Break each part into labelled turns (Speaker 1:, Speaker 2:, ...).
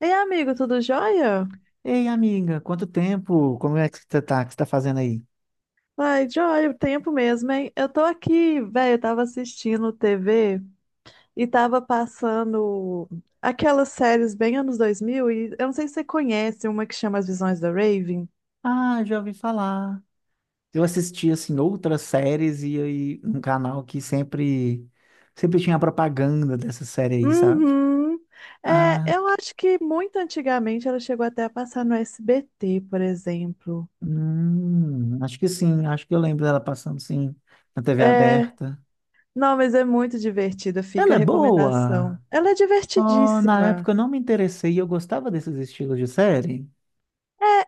Speaker 1: Ei, amigo, tudo jóia?
Speaker 2: Ei, amiga, quanto tempo? Como é que você tá? O que você tá fazendo aí?
Speaker 1: Ai, jóia, o tempo mesmo, hein? Eu tô aqui, velho, eu tava assistindo TV e tava passando aquelas séries bem anos 2000 e eu não sei se você conhece uma que chama As Visões da Raven.
Speaker 2: Ah, já ouvi falar. Eu assisti, assim, outras séries e aí um canal que sempre tinha propaganda dessa série aí, sabe?
Speaker 1: Uhum. É,
Speaker 2: Ah,
Speaker 1: eu acho que muito antigamente ela chegou até a passar no SBT, por exemplo.
Speaker 2: acho que sim. Acho que eu lembro dela passando, sim, na TV
Speaker 1: É,
Speaker 2: aberta.
Speaker 1: não, mas é muito divertida, fica
Speaker 2: Ela
Speaker 1: a
Speaker 2: é
Speaker 1: recomendação.
Speaker 2: boa!
Speaker 1: Ela é
Speaker 2: Oh, na
Speaker 1: divertidíssima.
Speaker 2: época eu não me interessei, eu gostava desses estilos de série.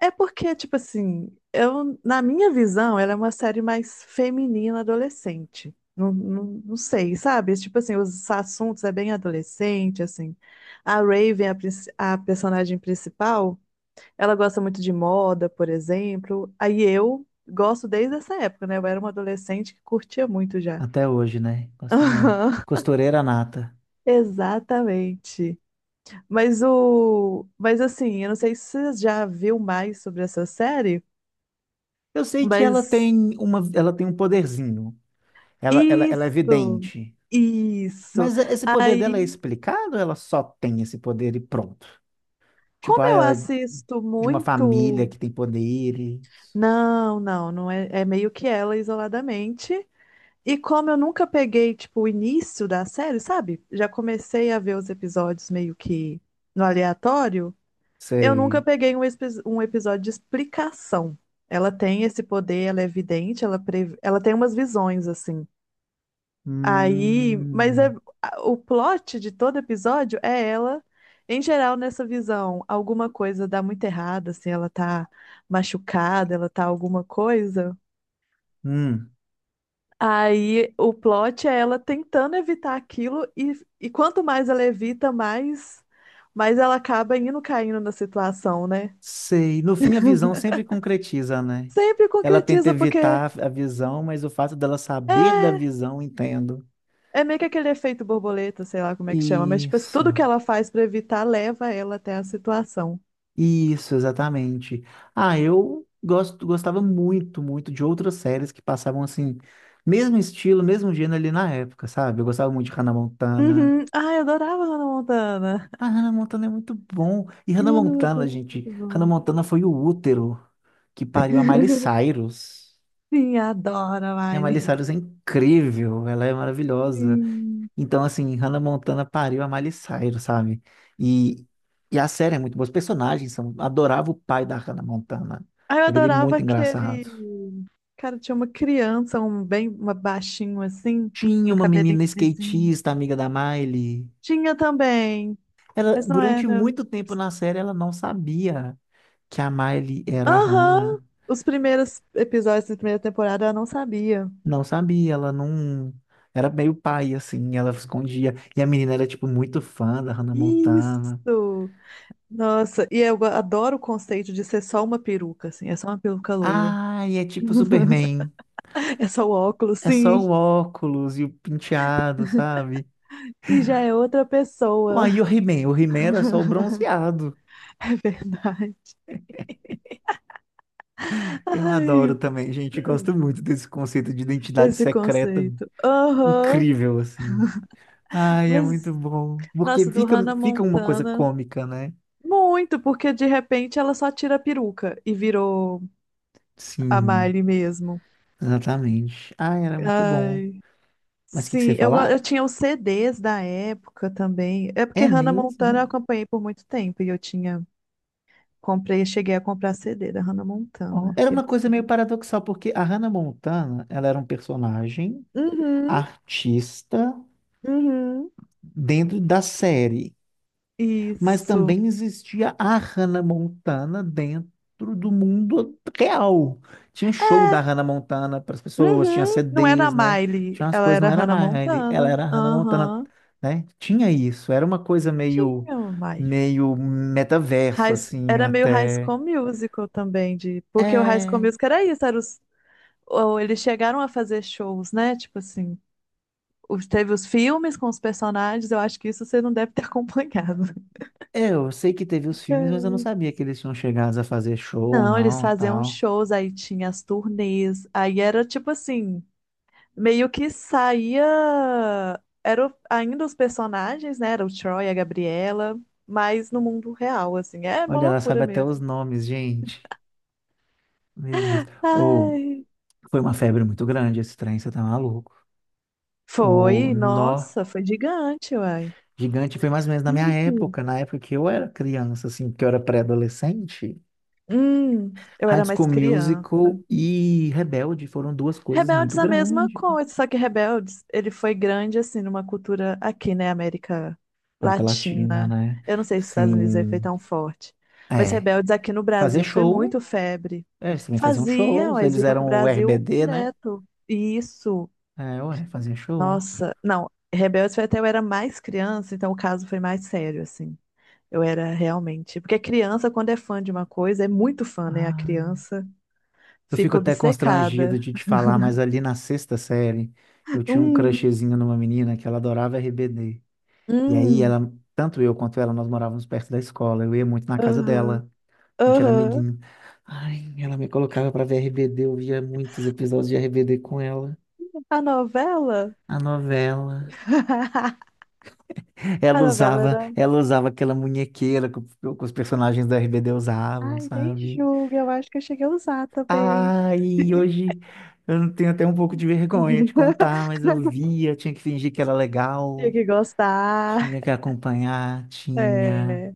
Speaker 1: É, é porque, tipo assim, eu, na minha visão, ela é uma série mais feminina adolescente. Não, não, não sei, sabe? Tipo assim, os assuntos é bem adolescente, assim. A Raven, a personagem principal, ela gosta muito de moda, por exemplo. Aí eu gosto desde essa época, né? Eu era uma adolescente que curtia muito já.
Speaker 2: Até hoje, né? Gosto muito.
Speaker 1: Aham,
Speaker 2: Costureira nata.
Speaker 1: Exatamente. Mas assim, eu não sei se você já viu mais sobre essa série.
Speaker 2: Eu sei que ela
Speaker 1: Mas
Speaker 2: tem uma, ela tem um poderzinho. Ela é
Speaker 1: Isso,
Speaker 2: vidente.
Speaker 1: isso.
Speaker 2: Mas é, esse poder dela é
Speaker 1: Aí,
Speaker 2: explicado? Ou ela só tem esse poder e pronto. Tipo,
Speaker 1: como
Speaker 2: ah,
Speaker 1: eu
Speaker 2: ela é
Speaker 1: assisto
Speaker 2: de uma família
Speaker 1: muito.
Speaker 2: que tem poderes.
Speaker 1: Não, não, não é, é meio que ela isoladamente. E como eu nunca peguei, tipo, o início da série, sabe? Já comecei a ver os episódios meio que no aleatório. Eu nunca
Speaker 2: Sei.
Speaker 1: peguei um episódio de explicação. Ela tem esse poder, ela é vidente, ela tem umas visões, assim. Aí, mas é,
Speaker 2: Hum,
Speaker 1: o plot de todo episódio é ela, em geral, nessa visão. Alguma coisa dá muito errado, assim, ela tá machucada, ela tá alguma coisa.
Speaker 2: hum,
Speaker 1: Aí o plot é ela tentando evitar aquilo, e quanto mais ela evita, mais ela acaba indo caindo na situação, né?
Speaker 2: sei. No fim, a visão sempre concretiza, né?
Speaker 1: Sempre
Speaker 2: Ela tenta
Speaker 1: concretiza, porque
Speaker 2: evitar a visão, mas o fato dela saber da
Speaker 1: é,
Speaker 2: visão, entendo.
Speaker 1: é meio que aquele efeito borboleta, sei lá como é que chama, mas tipo,
Speaker 2: Isso.
Speaker 1: tudo que ela faz pra evitar leva ela até a situação.
Speaker 2: Isso, exatamente. Ah, eu gosto, gostava muito de outras séries que passavam assim, mesmo estilo, mesmo gênero ali na época, sabe? Eu gostava muito de Hannah Montana.
Speaker 1: Uhum. Ai, eu adorava Hannah Montana.
Speaker 2: Ah, Hannah Montana é muito bom. E
Speaker 1: E
Speaker 2: Hannah
Speaker 1: Hannah
Speaker 2: Montana,
Speaker 1: Montana é
Speaker 2: gente,
Speaker 1: muito
Speaker 2: Hannah
Speaker 1: bom.
Speaker 2: Montana foi o útero que pariu a Miley Cyrus.
Speaker 1: Sim, adoro,
Speaker 2: E a Miley
Speaker 1: Miley.
Speaker 2: Cyrus é incrível, ela é maravilhosa.
Speaker 1: Sim.
Speaker 2: Então, assim, Hannah Montana pariu a Miley Cyrus, sabe? E, e a série é muito boa. Os personagens são... Adorava o pai da Hannah Montana.
Speaker 1: Ai, eu
Speaker 2: Achava ele
Speaker 1: adorava
Speaker 2: muito engraçado.
Speaker 1: aquele. Cara, tinha uma criança, um bem uma baixinho assim,
Speaker 2: Tinha
Speaker 1: do
Speaker 2: uma
Speaker 1: cabelinho
Speaker 2: menina
Speaker 1: lisinho.
Speaker 2: skatista, amiga da Miley.
Speaker 1: Tinha também,
Speaker 2: Ela,
Speaker 1: mas não
Speaker 2: durante
Speaker 1: era.
Speaker 2: muito tempo na série, ela não sabia que a Miley era a
Speaker 1: Aham!
Speaker 2: Hannah.
Speaker 1: Os primeiros episódios da primeira temporada eu não sabia.
Speaker 2: Não sabia, ela não... Era meio pai, assim, ela escondia. E a menina era, tipo, muito fã da Hannah Montana.
Speaker 1: Isso! Nossa, e eu adoro o conceito de ser só uma peruca, assim, é só uma peruca loira.
Speaker 2: Ai, é tipo Superman.
Speaker 1: É só o óculos,
Speaker 2: É só o
Speaker 1: sim.
Speaker 2: óculos e o penteado, sabe?
Speaker 1: E já é outra pessoa.
Speaker 2: Uai, e o He-Man? O He-Man era só o bronzeado.
Speaker 1: É verdade.
Speaker 2: Eu adoro
Speaker 1: Ai,
Speaker 2: também, gente. Gosto muito desse conceito de identidade
Speaker 1: esse
Speaker 2: secreta
Speaker 1: conceito. Aham.
Speaker 2: incrível, assim. Ai, é muito
Speaker 1: Mas,
Speaker 2: bom. Porque
Speaker 1: nossa, do
Speaker 2: fica,
Speaker 1: Hannah
Speaker 2: fica uma coisa
Speaker 1: Montana.
Speaker 2: cômica, né?
Speaker 1: Muito, porque de repente ela só tira a peruca e virou a
Speaker 2: Sim,
Speaker 1: Miley mesmo.
Speaker 2: exatamente. Ai, era muito bom.
Speaker 1: Ai,
Speaker 2: Mas o que que você
Speaker 1: sim,
Speaker 2: ia
Speaker 1: eu, go-
Speaker 2: falar?
Speaker 1: eu tinha os CDs da época também. É porque
Speaker 2: É
Speaker 1: Hannah Montana eu
Speaker 2: mesmo?
Speaker 1: acompanhei por muito tempo e eu tinha, comprei, cheguei a comprar CD da Hannah
Speaker 2: Ó,
Speaker 1: Montana,
Speaker 2: era
Speaker 1: que
Speaker 2: uma
Speaker 1: eles
Speaker 2: coisa meio
Speaker 1: têm.
Speaker 2: paradoxal, porque a Hannah Montana, ela era um personagem
Speaker 1: Uhum,
Speaker 2: artista
Speaker 1: uhum.
Speaker 2: dentro da série, mas
Speaker 1: Isso.
Speaker 2: também existia a Hannah Montana dentro do mundo real. Tinha show da Hannah Montana para as pessoas, tinha
Speaker 1: Uhum. Não era a
Speaker 2: CDs, né? Tinha
Speaker 1: Miley,
Speaker 2: umas
Speaker 1: ela
Speaker 2: coisas, não
Speaker 1: era a
Speaker 2: era a
Speaker 1: Hannah
Speaker 2: Miley, ela
Speaker 1: Montana.
Speaker 2: era a Hannah Montana,
Speaker 1: Aham.
Speaker 2: né? Tinha isso, era uma coisa meio,
Speaker 1: Tinha uma Miley.
Speaker 2: meio metaverso, assim,
Speaker 1: Era meio High
Speaker 2: até.
Speaker 1: School Musical também, de, porque o High School
Speaker 2: É,
Speaker 1: Musical era isso, era os, ou eles chegaram a fazer shows, né? Tipo assim, teve os filmes com os personagens, eu acho que isso você não deve ter acompanhado.
Speaker 2: eu sei que teve os filmes, mas eu não
Speaker 1: É.
Speaker 2: sabia que eles tinham chegado a fazer show,
Speaker 1: Não, eles
Speaker 2: não,
Speaker 1: faziam
Speaker 2: tal.
Speaker 1: shows, aí tinha as turnês, aí era tipo assim, meio que saía. Eram ainda os personagens, né? Era o Troy, a Gabriela, mas no mundo real, assim. É uma
Speaker 2: Olha, ela
Speaker 1: loucura
Speaker 2: sabe até os
Speaker 1: mesmo.
Speaker 2: nomes, gente. Meu Deus. Ou
Speaker 1: Ai,
Speaker 2: foi uma febre muito grande esse trem, você tá maluco. O
Speaker 1: foi,
Speaker 2: nó
Speaker 1: nossa, foi gigante, uai.
Speaker 2: gigante foi mais ou menos na minha
Speaker 1: Ih,
Speaker 2: época, na época que eu era criança, assim, que eu era pré-adolescente.
Speaker 1: Eu
Speaker 2: High
Speaker 1: era
Speaker 2: School
Speaker 1: mais criança.
Speaker 2: Musical e Rebelde foram duas coisas muito
Speaker 1: Rebeldes é a mesma
Speaker 2: grandes na
Speaker 1: coisa, só que Rebeldes, ele foi grande, assim, numa cultura aqui, né, América
Speaker 2: América Latina,
Speaker 1: Latina.
Speaker 2: né?
Speaker 1: Eu não sei se os Estados Unidos é
Speaker 2: Assim,
Speaker 1: feito tão forte, mas
Speaker 2: é.
Speaker 1: Rebeldes aqui no
Speaker 2: Fazer
Speaker 1: Brasil foi
Speaker 2: show,
Speaker 1: muito febre.
Speaker 2: é, eles também faziam
Speaker 1: Faziam,
Speaker 2: shows,
Speaker 1: eles
Speaker 2: eles
Speaker 1: vinham pro
Speaker 2: eram o
Speaker 1: Brasil
Speaker 2: RBD, né?
Speaker 1: direto. E isso,
Speaker 2: É, ué, fazer show.
Speaker 1: nossa, não, Rebeldes foi até eu era mais criança, então o caso foi mais sério, assim. Eu era realmente, porque criança, quando é fã de uma coisa, é muito fã, né? A
Speaker 2: Ah,
Speaker 1: criança
Speaker 2: eu fico
Speaker 1: fica
Speaker 2: até constrangido
Speaker 1: obcecada.
Speaker 2: de te falar, mas ali na sexta série, eu tinha um
Speaker 1: Hum,
Speaker 2: crushzinho numa menina que ela adorava RBD. E aí
Speaker 1: hum.
Speaker 2: ela, tanto eu quanto ela, nós morávamos perto da escola. Eu ia muito na casa
Speaker 1: Aham,
Speaker 2: dela. A gente era
Speaker 1: aham.
Speaker 2: amiguinho. Ai, ela me colocava pra ver RBD, eu via muitos episódios de RBD com ela.
Speaker 1: A novela?
Speaker 2: A novela.
Speaker 1: A
Speaker 2: Ela
Speaker 1: novela
Speaker 2: usava,
Speaker 1: era.
Speaker 2: ela usava aquela munhequeira que, o- que os personagens da RBD usavam,
Speaker 1: Ai, nem
Speaker 2: sabe?
Speaker 1: julga, eu acho que eu cheguei a usar também.
Speaker 2: Ai, hoje eu não tenho até um pouco de vergonha de contar, mas eu via, tinha que fingir que era
Speaker 1: Tinha
Speaker 2: legal,
Speaker 1: que gostar.
Speaker 2: tinha que acompanhar, tinha.
Speaker 1: É.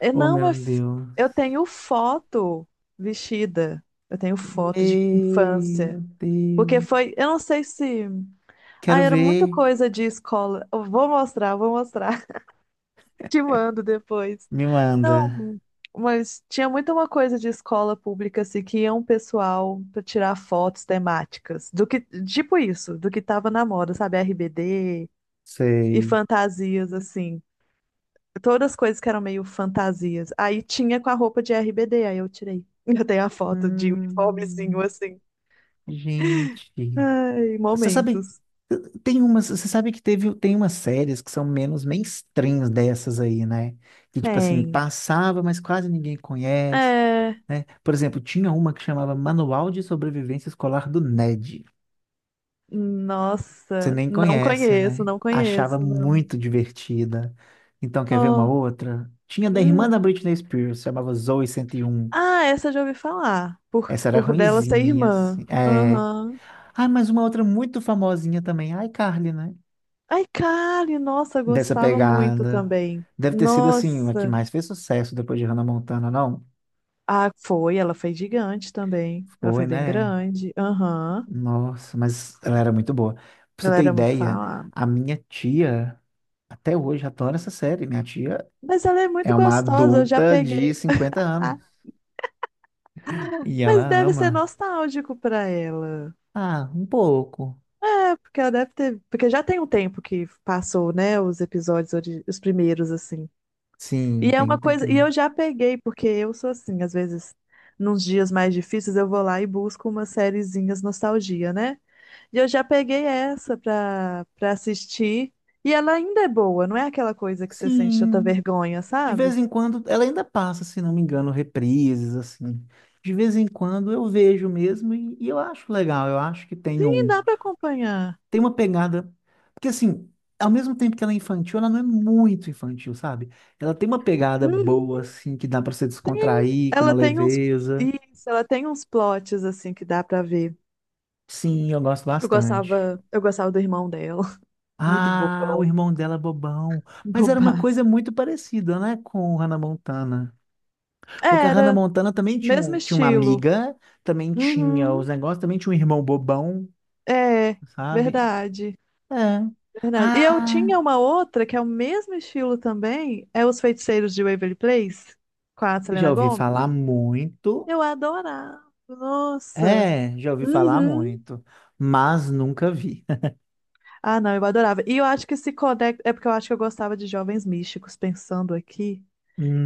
Speaker 1: Eu
Speaker 2: Oh,
Speaker 1: não,
Speaker 2: meu
Speaker 1: mas
Speaker 2: Deus.
Speaker 1: eu tenho foto vestida. Eu tenho foto de infância.
Speaker 2: Meu
Speaker 1: Porque
Speaker 2: Deus.
Speaker 1: foi, eu não sei se. Ah,
Speaker 2: Quero
Speaker 1: era muita
Speaker 2: ver.
Speaker 1: coisa de escola. Eu vou mostrar, eu vou mostrar. Te mando depois.
Speaker 2: Me manda.
Speaker 1: Não, mas tinha muito uma coisa de escola pública assim que ia um pessoal para tirar fotos temáticas, do que tipo isso, do que tava na moda, sabe, RBD e
Speaker 2: Sei.
Speaker 1: fantasias assim, todas as coisas que eram meio fantasias. Aí tinha com a roupa de RBD, aí eu tirei. Eu tenho a foto de uniformezinho
Speaker 2: Hum,
Speaker 1: assim.
Speaker 2: gente.
Speaker 1: Ai,
Speaker 2: Você sabe,
Speaker 1: momentos.
Speaker 2: tem umas, você sabe que teve, tem umas séries que são menos mainstreams dessas aí, né? Que tipo assim,
Speaker 1: Tem.
Speaker 2: passava, mas quase ninguém conhece,
Speaker 1: É,
Speaker 2: né? Por exemplo, tinha uma que chamava Manual de Sobrevivência Escolar do Ned. Você
Speaker 1: nossa,
Speaker 2: nem
Speaker 1: não
Speaker 2: conhece,
Speaker 1: conheço,
Speaker 2: né?
Speaker 1: não
Speaker 2: Achava
Speaker 1: conheço, não.
Speaker 2: muito divertida. Então, quer ver uma
Speaker 1: Oh,
Speaker 2: outra? Tinha da irmã da
Speaker 1: hum.
Speaker 2: Britney Spears, chamava Zoe 101.
Speaker 1: Ah, essa eu já ouvi falar. Por,
Speaker 2: Essa era
Speaker 1: por dela ser
Speaker 2: ruinzinha,
Speaker 1: irmã.
Speaker 2: assim. É.
Speaker 1: Aham.
Speaker 2: Ah, mas uma outra muito famosinha também, a iCarly, né?
Speaker 1: Ai, Kali, nossa,
Speaker 2: Dessa
Speaker 1: gostava muito
Speaker 2: pegada.
Speaker 1: também.
Speaker 2: Deve ter sido, assim, a que
Speaker 1: Nossa.
Speaker 2: mais fez sucesso depois de Hannah Montana, não?
Speaker 1: Ah, foi, ela foi gigante também. Ela foi
Speaker 2: Foi,
Speaker 1: bem
Speaker 2: né?
Speaker 1: grande. Aham.
Speaker 2: Nossa, mas ela era muito boa. Pra você
Speaker 1: Ela
Speaker 2: ter
Speaker 1: era muito
Speaker 2: ideia,
Speaker 1: falada.
Speaker 2: a minha tia, até hoje, adora essa série. Minha tia
Speaker 1: Mas ela é muito
Speaker 2: é uma
Speaker 1: gostosa, eu já
Speaker 2: adulta de
Speaker 1: peguei.
Speaker 2: 50 anos.
Speaker 1: Ah,
Speaker 2: E
Speaker 1: mas
Speaker 2: ela
Speaker 1: deve ser
Speaker 2: ama.
Speaker 1: nostálgico pra ela.
Speaker 2: Ah, um pouco.
Speaker 1: É, porque ela deve ter. Porque já tem um tempo que passou, né? Os episódios, os primeiros, assim.
Speaker 2: Sim,
Speaker 1: E é
Speaker 2: tem um
Speaker 1: uma coisa, e
Speaker 2: tempinho.
Speaker 1: eu já peguei, porque eu sou assim, às vezes, nos dias mais difíceis, eu vou lá e busco umas sériezinhas nostalgia, né? E eu já peguei essa pra, assistir, e ela ainda é boa, não é aquela coisa que você sente tanta
Speaker 2: Sim.
Speaker 1: vergonha,
Speaker 2: De vez
Speaker 1: sabe?
Speaker 2: em quando, ela ainda passa, se não me engano, reprises, assim. De vez em quando eu vejo mesmo e eu acho legal. Eu acho que tem
Speaker 1: Sim,
Speaker 2: um.
Speaker 1: dá pra acompanhar.
Speaker 2: Tem uma pegada. Porque, assim, ao mesmo tempo que ela é infantil, ela não é muito infantil, sabe? Ela tem uma pegada
Speaker 1: Uhum.
Speaker 2: boa, assim, que dá pra se
Speaker 1: Tem,
Speaker 2: descontrair, com uma
Speaker 1: ela tem uns,
Speaker 2: leveza.
Speaker 1: isso, ela tem uns plots, assim, que dá pra ver.
Speaker 2: Sim, eu gosto
Speaker 1: Eu
Speaker 2: bastante.
Speaker 1: gostava, eu gostava do irmão dela, muito
Speaker 2: Ah, o
Speaker 1: bobão,
Speaker 2: irmão dela é bobão. Mas era uma
Speaker 1: bobaço.
Speaker 2: coisa muito parecida, né, com Hannah Montana. Porque a Hannah
Speaker 1: Era,
Speaker 2: Montana também tinha,
Speaker 1: mesmo
Speaker 2: um- tinha uma
Speaker 1: estilo.
Speaker 2: amiga, também tinha
Speaker 1: Uhum.
Speaker 2: os negócios, também tinha um irmão bobão,
Speaker 1: É,
Speaker 2: sabe?
Speaker 1: verdade,
Speaker 2: É.
Speaker 1: verdade. E eu
Speaker 2: Ah,
Speaker 1: tinha uma outra que é o mesmo estilo também, é Os Feiticeiros de Waverly Place, com a
Speaker 2: já
Speaker 1: Selena
Speaker 2: ouvi
Speaker 1: Gomez.
Speaker 2: falar muito.
Speaker 1: Eu adorava, nossa.
Speaker 2: É, já ouvi falar
Speaker 1: Uhum.
Speaker 2: muito, mas nunca vi.
Speaker 1: Ah, não, eu adorava. E eu acho que se conecta, é porque eu acho que eu gostava de jovens místicos, pensando aqui.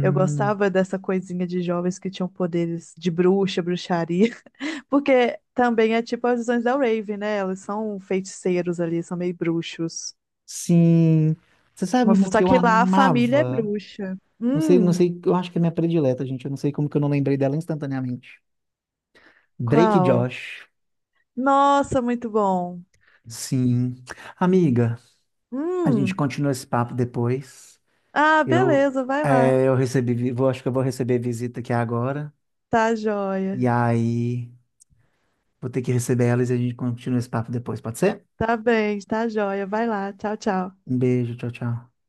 Speaker 1: Eu gostava dessa coisinha de jovens que tinham poderes de bruxa, bruxaria, porque também é tipo as visões da Raven, né? Elas são feiticeiros ali, são meio bruxos.
Speaker 2: sim. Você sabe uma
Speaker 1: Só
Speaker 2: que eu
Speaker 1: que lá a família é
Speaker 2: amava?
Speaker 1: bruxa.
Speaker 2: Não sei, não sei, eu acho que é minha predileta, gente. Eu não sei como que eu não lembrei dela instantaneamente. Drake
Speaker 1: Qual?
Speaker 2: Josh.
Speaker 1: Nossa, muito bom.
Speaker 2: Sim. Amiga, a gente
Speaker 1: Hum.
Speaker 2: continua esse papo depois.
Speaker 1: Ah,
Speaker 2: Eu,
Speaker 1: beleza, vai lá.
Speaker 2: é, eu recebi, vi- vou, acho que eu vou receber visita aqui agora.
Speaker 1: Tá joia.
Speaker 2: E aí, vou ter que receber elas e a gente continua esse papo depois, pode ser?
Speaker 1: Tá bem, tá joia. Vai lá. Tchau, tchau.
Speaker 2: Um beijo, tchau, tchau.